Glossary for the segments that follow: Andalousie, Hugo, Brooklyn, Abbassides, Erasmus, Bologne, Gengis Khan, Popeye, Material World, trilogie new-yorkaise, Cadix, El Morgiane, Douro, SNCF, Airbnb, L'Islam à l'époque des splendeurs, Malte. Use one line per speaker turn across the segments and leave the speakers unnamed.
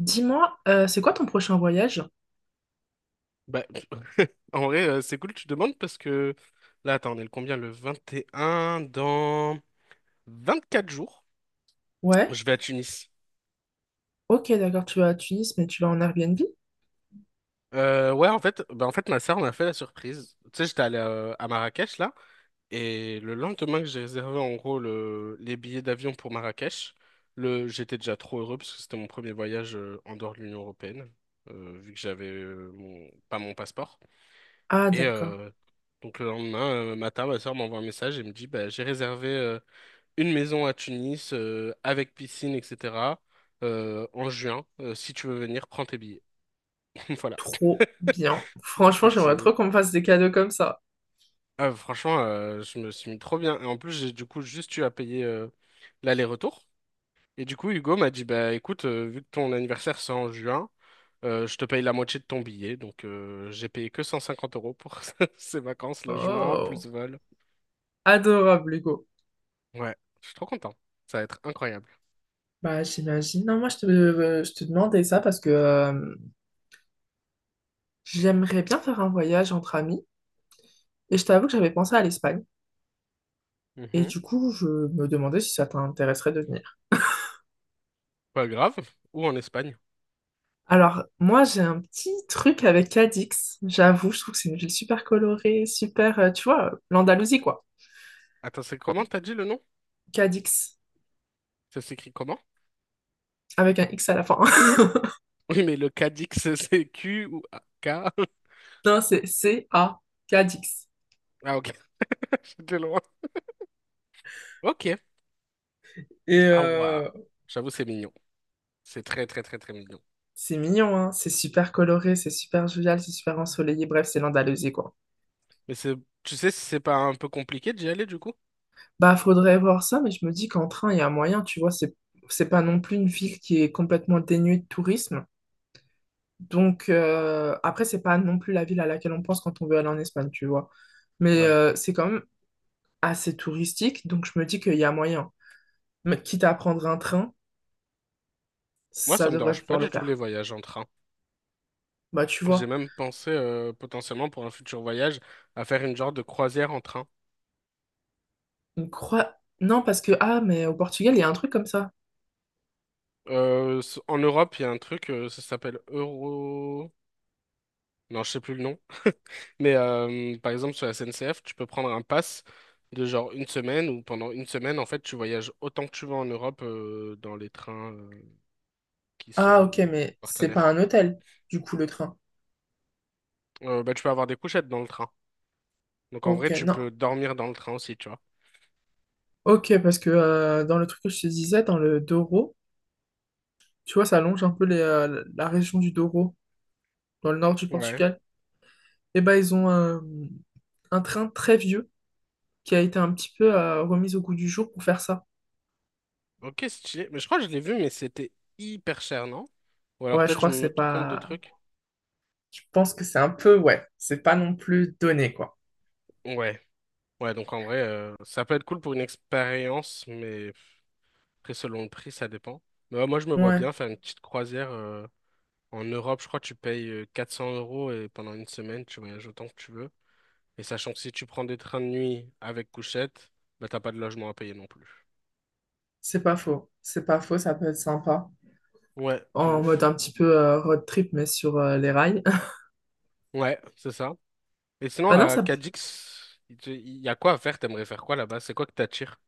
Dis-moi, c'est quoi ton prochain voyage?
Bah, en vrai, c'est cool que tu demandes parce que là, attends, on est le combien? Le 21 dans 24 jours.
Ouais,
Je vais à Tunis.
ok, d'accord, tu vas à Tunis, mais tu vas en Airbnb?
En fait, ma sœur m'a fait la surprise. Tu sais, j'étais allé à Marrakech là, et le lendemain que j'ai réservé en gros les billets d'avion pour Marrakech, j'étais déjà trop heureux parce que c'était mon premier voyage en dehors de l'Union européenne, vu que j'avais pas mon passeport.
Ah,
Et
d'accord,
euh, donc le lendemain matin, ma sœur m'envoie un message et me dit, bah, j'ai réservé une maison à Tunis avec piscine, etc. En juin. Si tu veux venir, prends tes billets. Voilà.
trop bien.
Je
Franchement,
trouve que
j'aimerais trop
c'est-
qu'on me fasse des cadeaux comme ça.
Ah, franchement, je me suis mis trop bien. Et en plus, j'ai du coup juste eu à payer l'aller-retour. Et du coup, Hugo m'a dit, bah écoute, vu que ton anniversaire c'est en juin, je te paye la moitié de ton billet. Donc j'ai payé que 150 euros pour ces vacances, logement,
Oh,
plus vol.
adorable, Hugo.
Ouais, je suis trop content. Ça va être incroyable.
Bah, j'imagine. Non, moi, je te demandais ça parce que j'aimerais bien faire un voyage entre amis et je t'avoue que j'avais pensé à l'Espagne. Et
Mhm.
du coup, je me demandais si ça t'intéresserait de venir.
Pas grave. Ou en Espagne.
Alors, moi, j'ai un petit truc avec Cadix. J'avoue, je trouve que c'est une ville super colorée, super, tu vois, l'Andalousie, quoi.
Attends, c'est comment t'as dit le nom?
Cadix,
Ça s'écrit comment?
avec un X à la fin.
Oui, mais le Cadix, c'est Q ou K?
Non, c'est C-A, Cadix.
Ah, ok, j'étais loin. Ok.
Et
Ah, waouh.
euh,
J'avoue, c'est mignon. C'est très, très, très, très mignon.
c'est mignon, hein, c'est super coloré, c'est super jovial, c'est super ensoleillé, bref, c'est l'Andalousie, quoi.
Mais c'est, tu sais si c'est pas un peu compliqué d'y aller, du coup?
Bah, faudrait voir ça, mais je me dis qu'en train, il y a moyen, tu vois, c'est pas non plus une ville qui est complètement dénuée de tourisme. Donc, après, c'est pas non plus la ville à laquelle on pense quand on veut aller en Espagne, tu vois. Mais
Ouais.
c'est quand même assez touristique, donc je me dis qu'il y a moyen. Mais quitte à prendre un train,
Moi,
ça
ça me
devrait
dérange pas
pouvoir le
du tout les
faire.
voyages en train.
Bah, tu
J'ai
vois,
même pensé, potentiellement, pour un futur voyage, à faire une genre de croisière en train.
une croix... Non, parce que, ah, mais au Portugal, il y a un truc comme ça.
En Europe, il y a un truc, ça s'appelle Euro... Non, je sais plus le nom. Mais par exemple, sur la SNCF, tu peux prendre un pass de genre une semaine ou pendant une semaine, en fait, tu voyages autant que tu veux en Europe dans les trains qui
Ah, ok,
sont
mais c'est pas
partenaires.
un hôtel, du coup, le train.
Tu peux avoir des couchettes dans le train. Donc en
Ok,
vrai, tu
non.
peux dormir dans le train aussi, tu vois.
Ok, parce que dans le truc que je te disais, dans le Douro, tu vois, ça longe un peu la région du Douro, dans le nord du
Ouais.
Portugal. Et ben, un train très vieux qui a été un petit peu remis au goût du jour pour faire ça.
Ok, stylé. Mais je crois que je l'ai vu, mais c'était hyper cher, non? Ou alors
Ouais, je
peut-être je
crois que c'est
me trompe de
pas...
truc.
Je pense que c'est un peu, ouais, c'est pas non plus donné, quoi.
Ouais. Ouais, donc en vrai, ça peut être cool pour une expérience, mais après, selon le prix, ça dépend. Mais ouais, moi, je me vois
Ouais,
bien faire une petite croisière. En Europe, je crois que tu payes 400 euros et pendant une semaine, tu voyages autant que tu veux. Et sachant que si tu prends des trains de nuit avec couchette, bah t'as pas de logement à payer non plus.
c'est pas faux. C'est pas faux, ça peut être sympa.
Ouais, de
En mode
ouf.
un petit peu road trip, mais sur les rails.
Ouais, c'est ça. Et sinon,
Bah non,
à
ça,
Cadix, il y a quoi à faire? T'aimerais faire quoi là-bas? C'est quoi que t'attires?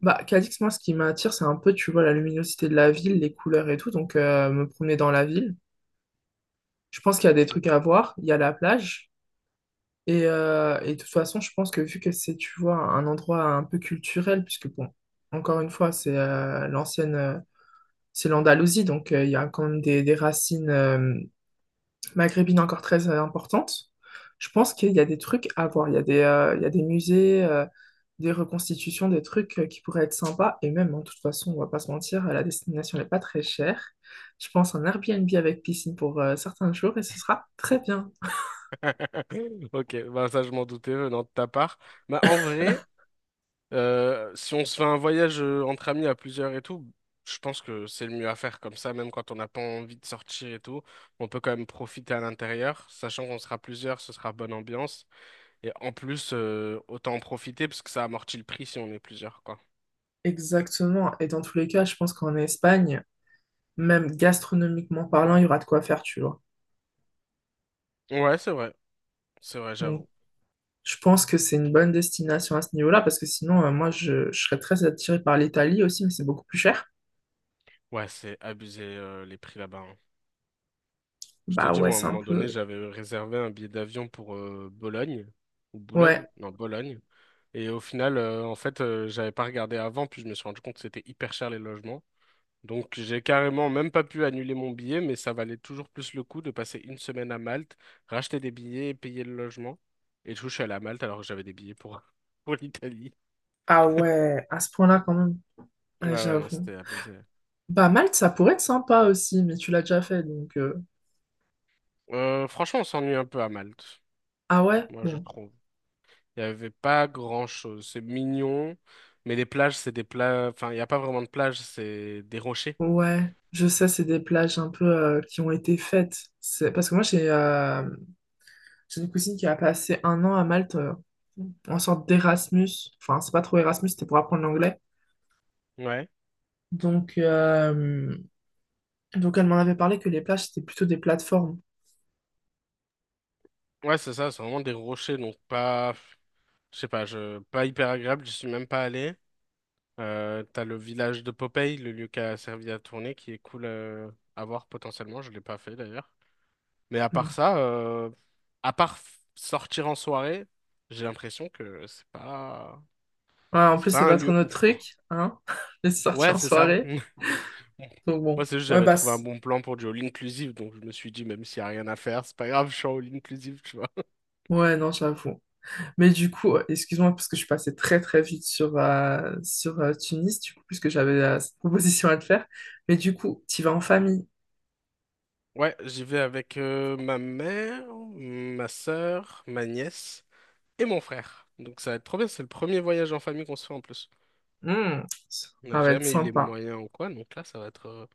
bah, Cadix, moi, ce qui m'attire, c'est un peu, tu vois, la luminosité de la ville, les couleurs et tout. Donc, me promener dans la ville. Je pense qu'il y a des trucs à voir. Il y a la plage. Et de toute façon, je pense que vu que c'est, tu vois, un endroit un peu culturel, puisque, bon, encore une fois, c'est l'Andalousie. Donc, il y a quand même des racines, maghrébine encore très importante. Je pense qu'il y a des trucs à voir. Il y a il y a des musées, des reconstitutions, des trucs qui pourraient être sympas. Et même, hein, de toute façon, on va pas se mentir, la destination n'est pas très chère. Je pense un Airbnb avec piscine pour certains jours et ce sera très bien.
Ok, bah ça je m'en doutais venant de ta part. Bah en vrai, si on se fait un voyage entre amis à plusieurs et tout, je pense que c'est le mieux à faire comme ça, même quand on n'a pas envie de sortir et tout. On peut quand même profiter à l'intérieur, sachant qu'on sera plusieurs, ce sera bonne ambiance. Et en plus, autant en profiter parce que ça amortit le prix si on est plusieurs, quoi.
Exactement. Et dans tous les cas, je pense qu'en Espagne, même gastronomiquement parlant, il y aura de quoi faire, tu vois.
Ouais, c'est vrai,
Donc,
j'avoue.
je pense que c'est une bonne destination à ce niveau-là parce que sinon, je serais très attirée par l'Italie aussi, mais c'est beaucoup plus cher.
Ouais, c'est abusé les prix là-bas, hein. Je t'ai
Bah
dit,
ouais,
moi, à un
c'est un
moment
peu,
donné, j'avais réservé un billet d'avion pour Bologne, ou Boulogne,
ouais.
non, Bologne. Et au final, j'avais pas regardé avant, puis je me suis rendu compte que c'était hyper cher les logements. Donc, j'ai carrément même pas pu annuler mon billet, mais ça valait toujours plus le coup de passer une semaine à Malte, racheter des billets et payer le logement. Et du coup, je suis allé à Malte alors que j'avais des billets pour, pour l'Italie.
Ah ouais, à ce point-là quand même.
Ouais,
Ouais,
ouais, non,
j'avoue.
c'était abusé.
Bah Malte, ça pourrait être sympa aussi, mais tu l'as déjà fait, donc...
Franchement, on s'ennuie un peu à Malte,
Ah ouais?
moi, je
Bon.
trouve. Il n'y avait pas grand-chose. C'est mignon, mais les plages, c'est des plages... Enfin, il n'y a pas vraiment de plage, c'est des rochers.
Ouais. Je sais, c'est des plages un peu qui ont été faites. C'est... Parce que moi, j'ai une cousine qui a passé un an à Malte en sorte d'Erasmus. Enfin, c'est pas trop Erasmus, c'était pour apprendre l'anglais.
Ouais.
Donc, donc elle m'en avait parlé que les plages, c'était plutôt des plateformes.
Ouais, c'est ça, c'est vraiment des rochers, donc pas... Je sais pas, je... pas hyper agréable, je suis même pas allé. T'as le village de Popeye, le lieu qui a servi à tourner, qui est cool à voir potentiellement, je l'ai pas fait d'ailleurs. Mais à
Mm.
part ça, à part sortir en soirée, j'ai l'impression que c'est pas...
Ouais, en
C'est
plus,
pas
c'est
un
pas trop
lieu
notre
ouf, quoi.
truc, hein, les sorties
Ouais,
en
c'est ça.
soirée. Donc
Moi,
bon,
c'est juste
ouais,
j'avais trouvé un
basse.
bon plan pour du all inclusive, donc je me suis dit, même s'il n'y a rien à faire, c'est pas grave, je suis en all inclusive, tu vois.
Ouais, non, j'avoue. Mais du coup, excuse-moi, parce que je suis passée très très vite sur Tunis, du coup, puisque j'avais cette proposition à te faire. Mais du coup, tu vas en famille.
Ouais, j'y vais avec ma mère, ma sœur, ma nièce et mon frère. Donc ça va être trop bien, c'est le premier voyage en famille qu'on se fait en plus.
Hmm, ça
On n'a
va être
jamais eu les
sympa.
moyens ou quoi, donc là, ça va être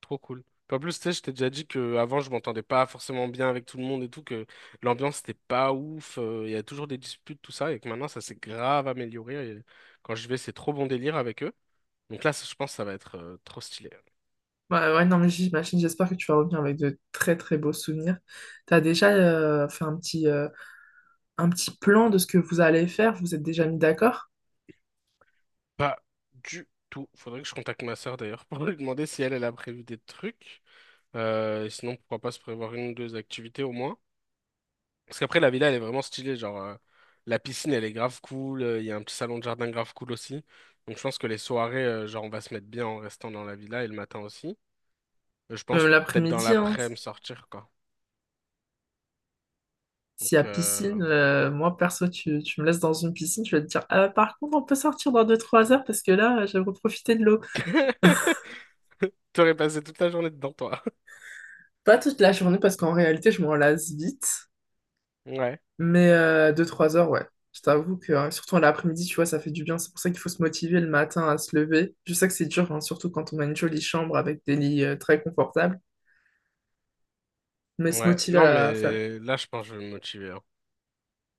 trop cool. Puis en plus, tu sais, je t'ai déjà dit que avant je m'entendais pas forcément bien avec tout le monde et tout, que l'ambiance n'était pas ouf, il y a toujours des disputes, tout ça, et que maintenant, ça s'est grave amélioré. Et quand je vais, c'est trop bon délire avec eux. Donc là, ça, je pense que ça va être trop stylé.
Ouais, ouais, non, mais j'imagine, j'espère que tu vas revenir avec de très très beaux souvenirs. T'as déjà fait un un petit plan de ce que vous allez faire? Vous êtes déjà mis d'accord?
Pas du tout. Faudrait que je contacte ma sœur d'ailleurs pour lui demander si elle a prévu des trucs. Sinon, pourquoi pas se prévoir une ou deux activités au moins. Parce qu'après, la villa, elle est vraiment stylée. Genre, la piscine, elle est grave cool. Il y a un petit salon de jardin grave cool aussi. Donc, je pense que les soirées, genre, on va se mettre bien en restant dans la villa et le matin aussi. Je
Même
pense peut-être dans
l'après-midi, hein,
l'après-midi sortir, quoi.
s'il y a
Donc, euh,
piscine, moi perso, tu me laisses dans une piscine, je vais te dire, ah, par contre, on peut sortir dans deux trois heures parce que là, j'aimerais profiter de l'eau.
T'aurais passé toute la journée dedans, toi.
Pas toute la journée parce qu'en réalité, je m'en lasse vite.
Ouais.
Mais 2-3 heures, ouais. Je t'avoue que, surtout à l'après-midi, tu vois, ça fait du bien. C'est pour ça qu'il faut se motiver le matin à se lever. Je sais que c'est dur, hein, surtout quand on a une jolie chambre avec des lits très confortables. Mais se
Ouais.
motiver
Non,
à faire.
mais là, je pense que je vais me motiver, hein.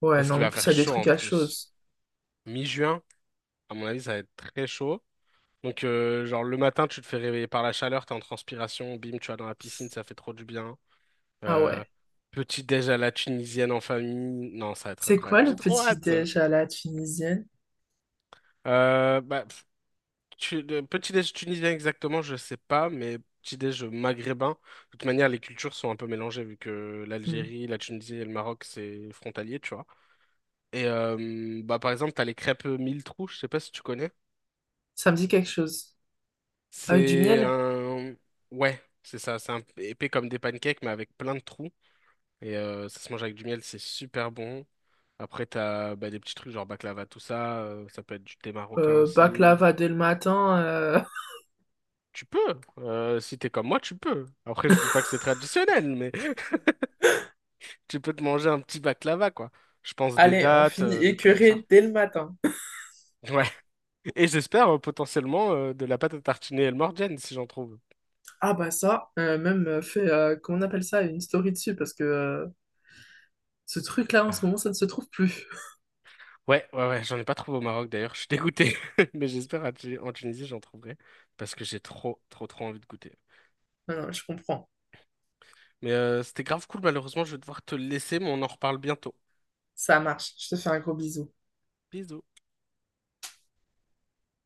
Ouais,
Parce qu'il
non, en
va
plus, il y
faire
a des
chaud
trucs
en
à
plus.
chose.
Mi-juin, à mon avis, ça va être très chaud. Donc, genre, le matin, tu te fais réveiller par la chaleur, t'es en transpiration, bim, tu vas dans la piscine, ça fait trop du bien.
Ah
Euh,
ouais.
petit déj à la tunisienne en famille. Non, ça va être
C'est quoi
incroyable. J'ai
le
trop
petit
hâte.
déj à la tunisienne?
Euh, bah, pff, le petit déj tunisien exactement, je sais pas, mais petit déj maghrébin. De toute manière, les cultures sont un peu mélangées vu que
Hmm.
l'Algérie, la Tunisie et le Maroc, c'est frontalier, tu vois. Par exemple, t'as les crêpes mille trous, je sais pas si tu connais.
Ça me dit quelque chose. Avec du
C'est
miel?
un... Ouais, c'est ça, c'est un peu épais comme des pancakes, mais avec plein de trous. Ça se mange avec du miel, c'est super bon. Après, t'as des petits trucs genre baklava, tout ça. Ça peut être du thé marocain aussi.
Baklava dès le matin.
Tu peux, si t'es comme moi, tu peux. Après, je dis pas que c'est traditionnel, mais tu peux te manger un petit baklava, quoi. Je pense des
Allez, on
dates,
finit
des trucs comme ça.
écœuré dès le matin.
Ouais. Et j'espère potentiellement de la pâte à tartiner El Morgiane, si j'en trouve.
Ah bah ça, même fait, comment on appelle ça, une story dessus, parce que ce truc-là, en ce moment, ça ne se trouve plus.
Ouais, ouais, ouais, j'en ai pas trouvé au Maroc d'ailleurs, je suis dégoûté. Mais j'espère à en Tunisie, j'en trouverai. Parce que j'ai trop, trop, trop envie de goûter.
Non, non, je comprends.
Mais c'était grave cool, malheureusement, je vais devoir te laisser, mais on en reparle bientôt.
Ça marche. Je te fais un gros bisou.
Bisous.